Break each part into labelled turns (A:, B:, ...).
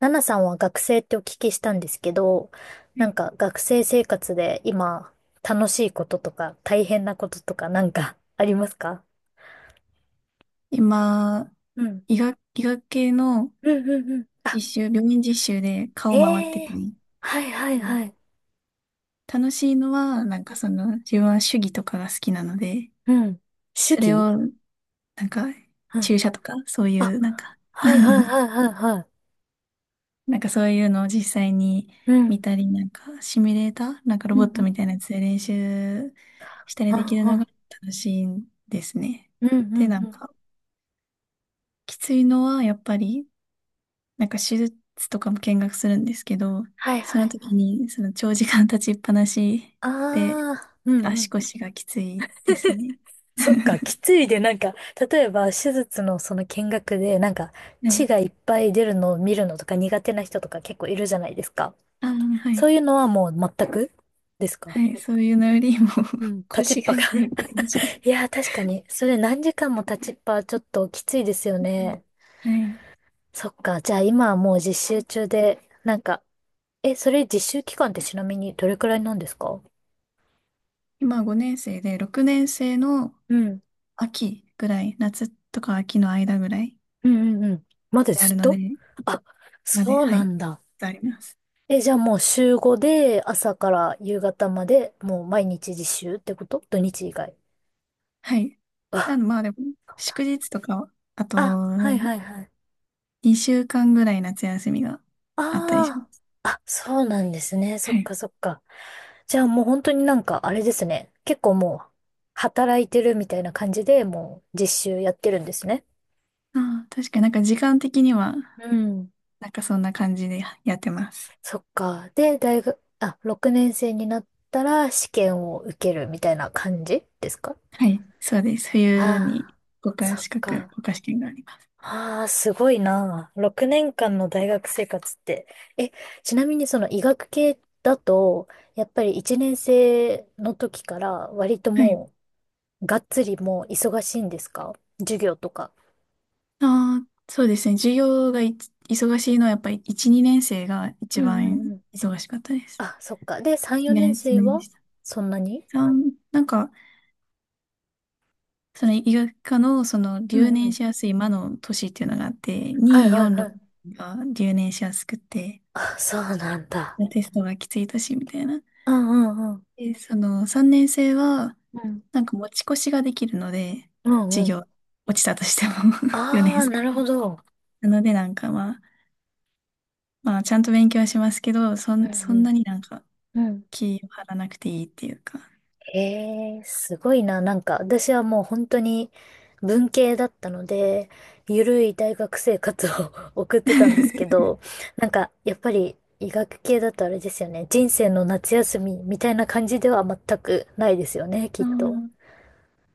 A: ナナさんは学生ってお聞きしたんですけど、
B: は
A: なん
B: い。
A: か学生生活で今楽しいこととか大変なこととかなんか ありますか？
B: 今、
A: うん。
B: 医学系の
A: うんうんうん。あ、
B: 病院実習で顔回って
A: へえ。
B: てね。
A: はいはい
B: で、
A: はい。
B: 楽しいのは、なんかその、自分は手技とかが好きなので、
A: うん。主
B: それ
A: 義。
B: を、なんか、
A: うん。
B: 注射とか、そうい
A: あ、
B: う、なんか
A: はいはい はいはいはい。
B: なんかそういうのを実際に
A: う
B: 見
A: ん。
B: たり、なんか、シミュレーター、なんか
A: う
B: ロ
A: んう
B: ボット
A: ん。
B: みたいなやつで練習した
A: う
B: りできる
A: んう
B: のが
A: ん。
B: 楽しいんですね。
A: うんう
B: で、
A: ん
B: な
A: う
B: ん
A: ん。
B: か、きついのは、やっぱり、なんか手術とかも見学するんですけど、
A: はい
B: そ
A: は
B: の
A: い。
B: 時にその長時間立ちっぱなし
A: あ
B: で
A: あ、うんう
B: 足
A: ん。
B: 腰がきついですね。
A: そっか、き ついで、なんか、例えば、手術のその見学で、なんか、
B: は
A: 血
B: い。
A: がいっぱい出るのを見るのとか苦手な人とか結構いるじゃないですか。
B: ああ、は
A: そう
B: い。
A: いうのはもう全くですか？
B: はい。そういうのよりも
A: うん。立ちっ
B: 腰
A: ぱ
B: が
A: が
B: 痛いって感じで。
A: いやー、確かに。それ何時間も立ちっぱはちょっときついですよ
B: うん、
A: ね。
B: はい。
A: そっか。じゃあ今はもう実習中で、なんか、え、それ実習期間ってちなみにどれくらいなんですか？
B: 今5年生で、6年生の
A: うん。
B: 秋ぐらい、夏とか秋の間ぐらい
A: うんうんうん。まだ
B: であ
A: ず
B: る
A: っ
B: ので、
A: と。あ、
B: まで、
A: そう
B: は
A: な
B: い。
A: んだ。
B: あります。
A: え、じゃあもう週5で朝から夕方までもう毎日実習ってこと土日以外。
B: はい。ただ
A: あ、
B: まあでも、
A: そう
B: 祝日とか、あと、
A: なんあ、はいはいはい。
B: 2週間ぐらい夏休みがあったりしま
A: あ
B: す。
A: あ、あ、そうなんですね。そ
B: は
A: っ
B: い。
A: かそっか。じゃあもう本当になんかあれですね。結構もう働いてるみたいな感じでもう実習やってるんですね。
B: ああ、確かになんか時間的には、
A: うん。
B: なんかそんな感じでやってます。
A: そっか。で、大学、あ、6年生になったら試験を受けるみたいな感じですか？
B: はい。そうです。冬
A: あ
B: に
A: あ
B: 国
A: ー、
B: 家
A: そっ
B: 資格、
A: か。
B: 国家試験があります。
A: ああ、すごいな。6年間の大学生活って。え、ちなみにその医学系だと、やっぱり1年生の時から割と
B: はい。
A: もう、がっつりもう忙しいんですか？授業とか。
B: ああ、そうですね。授業が忙しいのはやっぱり1、2年生が
A: う
B: 一
A: んう
B: 番
A: んうん。
B: 忙しかったです。
A: あ、そっか。で、3、4
B: ね、
A: 年
B: 一
A: 生
B: 年で
A: は
B: した。
A: そんなに。
B: なんか、その医学科のその
A: う
B: 留
A: んう
B: 年
A: ん。
B: しやすい魔の年っていうのがあって、
A: はい
B: 2、
A: はい
B: 4、
A: は
B: 6
A: い。
B: が留年しやすくて、
A: あ、そうなんだ。
B: テストがきついしみたいな。
A: うんうんうん。
B: で、その3年生は、
A: うん
B: なんか持ち越しができるので、
A: うんう
B: 授
A: ん。
B: 業落ちたとしても、 4
A: あ
B: 年
A: あ、
B: 生。
A: なるほど。
B: なのでなんかまあ、まあちゃんと勉強はしますけど、そ
A: う
B: ん、そんな
A: ん
B: になんか
A: うんうん。
B: 気を張らなくていいっていうか。
A: ええすごいな。なんか、私はもう本当に文系だったので、ゆるい大学生活を 送ってたんですけ ど、なんか、やっぱり医学系だとあれですよね。人生の夏休みみたいな感じでは全くないですよね、き
B: あ
A: っと。
B: ー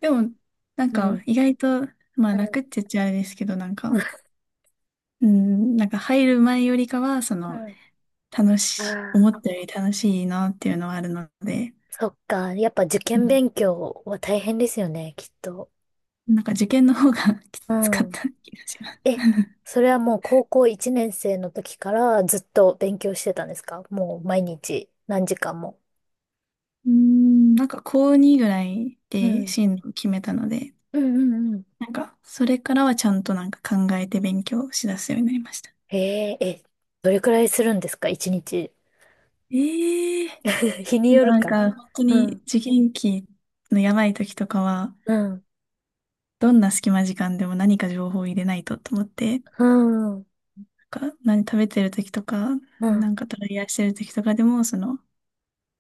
B: でも、なん
A: う
B: か
A: ん。
B: 意外と、まあ
A: う
B: 楽
A: ん。
B: って言っちゃあれですけど、なんか、うん、なんか入る前よりかは、その、
A: う
B: 思
A: ん。ああ、
B: ったより楽しいなっていうのはあるので、
A: そっか。やっぱ受
B: う
A: 験
B: ん、
A: 勉強は大変ですよね、きっと。
B: なんか受験の方が き
A: う
B: つかっ
A: ん。
B: た気がします。
A: え、それはもう高校1年生の時からずっと勉強してたんですか？もう毎日何時間も。
B: なんか高2ぐらい
A: う
B: で
A: ん。
B: 進路を決めたので、
A: うんうんうん。
B: なんかそれからはちゃんとなんか考えて勉強しだすようになりました。
A: え、ええ、どれくらいするんですか1日？
B: ええ
A: 日に
B: でも
A: よる
B: なん
A: か。
B: か本当
A: う
B: に
A: ん。
B: 受験期のやばい時とかは、
A: うん。
B: どんな隙間時間でも何か情報を入れないとと思って、な
A: うん。うん。
B: んか何食べてる時とか、
A: う
B: な
A: ん
B: んかトライアーしてる時とかでも、その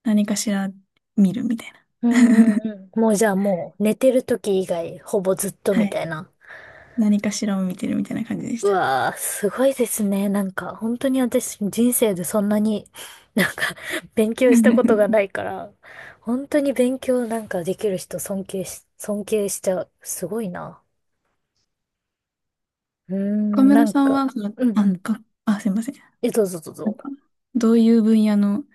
B: 何かしら見るみたいな。
A: うん うん。もうじゃあもう寝てる時以外ほぼずっと
B: は
A: みた
B: い。
A: いな。
B: 何かしらを見てるみたいな感じでし
A: う
B: た。
A: わー、すごいですね。なんか、本当に私、人生でそんなに、なんか、勉強したことがな いから、本当に勉強なんかできる人尊敬しちゃう。すごいな。うー
B: 岡
A: ん、な
B: 村
A: ん
B: さん
A: か、
B: は、
A: うんうん。
B: すいません。
A: え、どうぞどう
B: なん
A: ぞ。
B: か、どういう分野の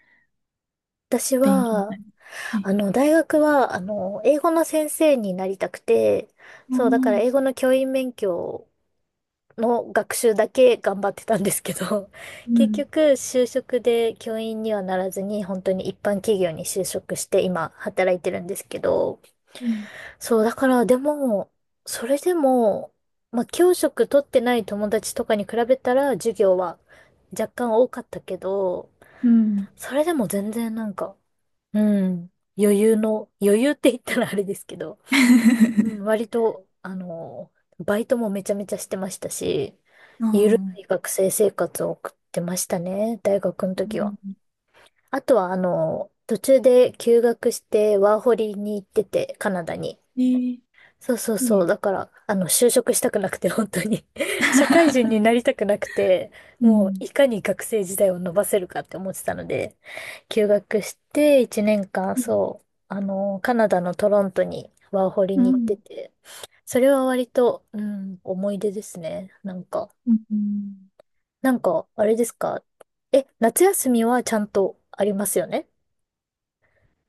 A: 私
B: 勉強みた
A: は、
B: いな。はい。
A: 大学は、英語の先生になりたくて、
B: あ
A: そう、だから
B: あ、
A: 英語の教員免許の学習だけ頑張ってたんですけど、
B: う
A: 結
B: ん、
A: 局就職で教員にはならずに本当に一般企業に就職して今働いてるんですけど、
B: うん、
A: そうだからでも、それでも、まあ教職取ってない友達とかに比べたら授業は若干多かったけど、
B: うん。
A: それでも全然なんか、うん、余裕って言ったらあれですけど、うん、割 と、バイトもめちゃめちゃしてましたし、
B: あ
A: ゆるい
B: あ、
A: 学生生活を送ってましたね、大学の
B: う
A: 時は。
B: ん、
A: あとは、途中で休学してワーホリに行ってて、カナダに。
B: い
A: そうそう
B: い
A: そう。
B: ね。
A: だから、就職したくなくて、本当に 社会人になり たくなくて、
B: う
A: もう、
B: ん、
A: いかに学生時代を伸ばせるかって思ってたので、休学して、1年間、
B: うん、
A: そう、カナダのトロントにワーホリ
B: う
A: に行って
B: ん。
A: て、それは割と、うん、思い出ですね。なんか、
B: うん、
A: あれですか？え、夏休みはちゃんとありますよね？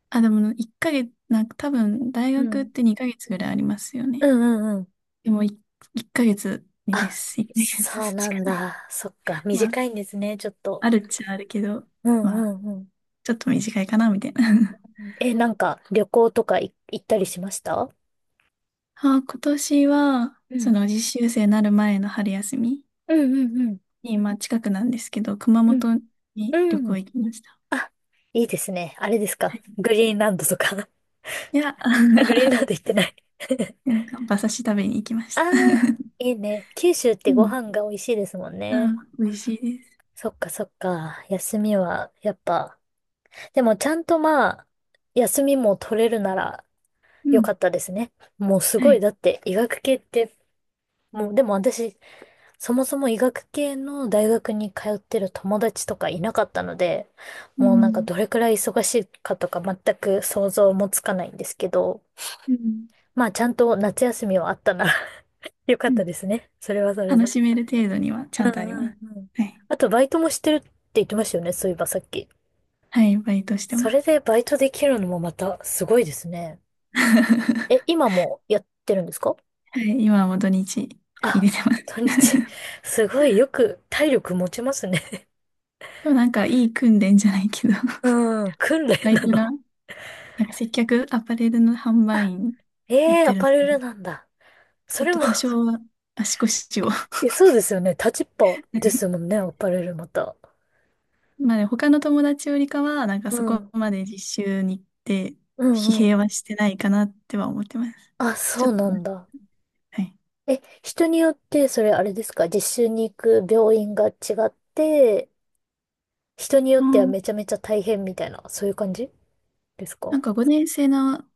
B: あ、でも、一ヶ月、なんか多分、大
A: う
B: 学っ
A: ん。
B: て二ヶ月ぐらいありますよ
A: う
B: ね。
A: んうんうん。
B: でも、一ヶ月に
A: あ、
B: です。一ヶ
A: そう
B: 月し
A: な
B: か
A: ん
B: ない。
A: だ。そっか、
B: ま
A: 短
B: あ、
A: いんですね、ちょっと。
B: あるっちゃあるけど、
A: うん
B: まあ
A: うんう
B: ちょっと短いかな、みたいな。
A: ん。え、なんか旅行とか行ったりしました？
B: あ、今年は、
A: う
B: そ
A: ん。
B: の実習生になる前の春休み
A: うんうんうん。
B: に、まあ近くなんですけど、熊
A: うん。
B: 本に旅
A: う
B: 行
A: ん。
B: 行きました。
A: あ、いいですね。あれです
B: は
A: か。
B: い、
A: グリーンランドとか。
B: いや、
A: あ、グリーンランド行ってない。
B: なんか馬刺し食べに行きまし
A: あ
B: た。
A: あ、いいね。九州っ
B: う
A: てご
B: ん。
A: 飯が美味しいですもん
B: あ、
A: ね。
B: 美味しいです。
A: そっかそっか。休みは、やっぱ。でもちゃんとまあ、休みも取れるなら
B: う
A: 良
B: ん。
A: かったですね。もうす
B: は
A: ごい。
B: い。
A: だって医学系って、もうでも私そもそも医学系の大学に通ってる友達とかいなかったので、
B: う
A: もうなんか
B: ん。
A: どれくらい忙しいかとか全く想像もつかないんですけど、
B: うん。
A: まあちゃんと夏休みはあったなら よかっ
B: う
A: た
B: ん、
A: ですね。それはそれ
B: 楽
A: で。
B: しめる程度にはち
A: うん
B: ゃんとあり
A: う
B: ま
A: ん
B: す。
A: うん。
B: はい。
A: あとバイトもしてるって言ってましたよね、そういえばさっき。
B: はい、バイトして
A: そ
B: ま
A: れ
B: す。
A: でバイトできるのもまたすごいですね。え、今もやってるんですか？
B: はい、今はもう土日入
A: あ、
B: れてます。
A: 土日。すごいよく体力持ちますね。
B: でもなんかいい訓練じゃないけど、
A: うん、訓練
B: バイ
A: な
B: トが
A: の？
B: なんか接客アパレルの販売員
A: え
B: やっ
A: え
B: て
A: ア
B: る
A: パレ
B: ので、
A: ルなんだ。
B: ち
A: そ
B: ょっ
A: れ
B: と
A: も
B: 多 少は足腰を ま
A: え、そうですよね。立ちっぱです
B: あ
A: もんね、アパレルまた。
B: でも他の友達よりかは、なんか
A: う
B: そこ
A: ん。
B: まで実習に行って、
A: うんう
B: 疲弊
A: んう
B: は
A: ん。
B: してないかなっては思ってます。
A: あ、
B: ち
A: そ
B: ょっ
A: う
B: と
A: な
B: 待っ
A: んだ。
B: て、はい。
A: え、人によって、それあれですか、実習に行く病院が違って、人によ
B: あ
A: っては
B: ー
A: めちゃめちゃ大変みたいな、そういう感じですか？
B: なんか5年生の、あ、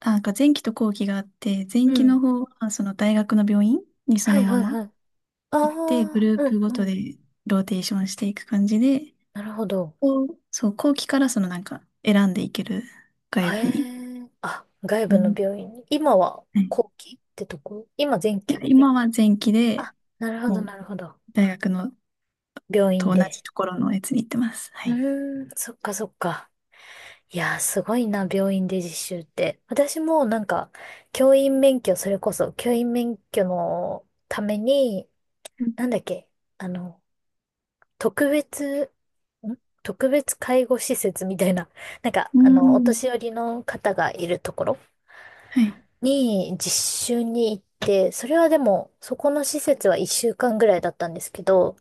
B: なんか前期と後期があって、
A: う
B: 前期の
A: ん。
B: 方はその大学の病院にそ
A: は
B: の
A: い
B: ま
A: はいは
B: ま
A: い。あ
B: 行って、グ
A: あ、
B: ルー
A: うん
B: プご
A: う
B: とで
A: ん。
B: ローテーションしていく感じで、
A: なるほど。
B: こうそう、後期からそのなんか選んでいける外
A: へ
B: 部に。
A: え。あ、外
B: う
A: 部の
B: ん。
A: 病院に。今は
B: はい、
A: 後期ってとこ？今前
B: いや、
A: 期？
B: 今は前期で
A: あ、なるほど
B: もう
A: なるほど。
B: 大学の
A: 病院
B: と同じ
A: で。
B: ところのやつに行ってます。は
A: う
B: い。
A: ーん、そっかそっか。いやー、すごいな、病院で実習って。私もなんか、教員免許、それこそ、教員免許のために、
B: うん。
A: なんだっけ、あの、特別、ん特別介護施設みたいな、なんか、
B: う
A: お
B: ん、
A: 年寄りの方がいるところ
B: はい。
A: に実習に行って、それはでも、そこの施設は一週間ぐらいだったんですけど、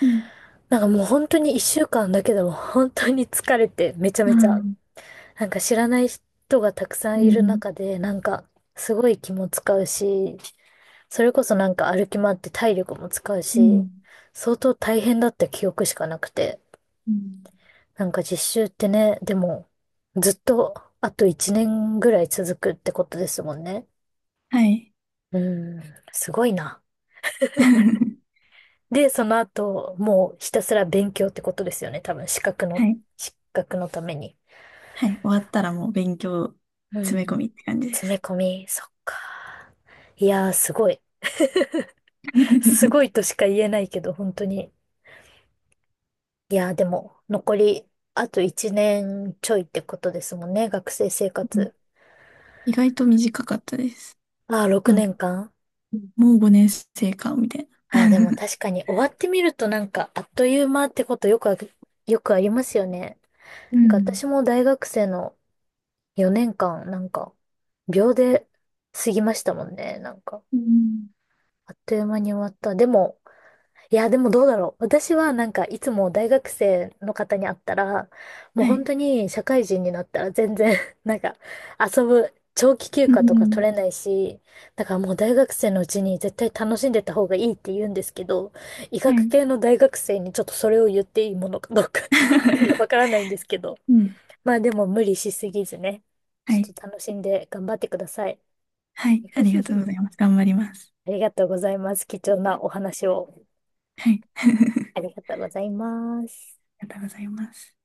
B: うん。
A: なんかもう本当に一週間だけでも本当に疲れてめちゃ
B: う
A: めちゃ
B: ん
A: なんか知らない人がたくさ
B: う
A: んいる
B: ん
A: 中で、なんかすごい気も使うし、それこそなんか歩き回って体力も使う
B: う
A: し、
B: ん
A: 相当大変だった記憶しかなくて。
B: うん、
A: なんか実習ってね、でもずっとあと1年ぐらい続くってことですもんね。
B: はい。
A: うん、すごいな。で、その後、もうひたすら勉強ってことですよね。多分
B: はい。
A: 資格のために。
B: はい。終わったらもう勉強
A: う
B: 詰め込
A: ん。
B: みって感じで
A: 詰め
B: す。
A: 込み、そっか。いやー、すごい。すご
B: う
A: いとしか言えないけど、本当に。いや、でも、残り、あと1年ちょいってことですもんね、学生生
B: ん、
A: 活。
B: 意外と短かったです。
A: ああ、6
B: なんか、
A: 年間。
B: もう5年生か、みたいな。
A: ああ、でも 確かに終わってみるとなんか、あっという間ってことよくありますよね。
B: う
A: なんか
B: ん。
A: 私も大学生の4年間、なんか、秒で過ぎましたもんね、なんか。
B: うん、
A: あっという間に終わった。でも、いや、でもどうだろう。私はなんかいつも大学生の方に会ったら、もう
B: は
A: 本
B: い。
A: 当に社会人になったら全然 なんか遊ぶ長期休
B: う
A: 暇とか
B: ん。
A: 取れないし、だからもう大学生のうちに絶対楽しんでた方がいいって言うんですけど、医
B: は
A: 学
B: い。
A: 系の大学生にちょっとそれを言っていいものかどうか わ からないんですけど、
B: うん。
A: まあでも無理しすぎずね、ち
B: は
A: ょっ
B: い。
A: と楽しんで頑張ってください。
B: はい。あり がとうございます。頑張ります。
A: ありがとうございます。貴重なお話を
B: はい。あり
A: ありがとうございます。
B: がとうございます。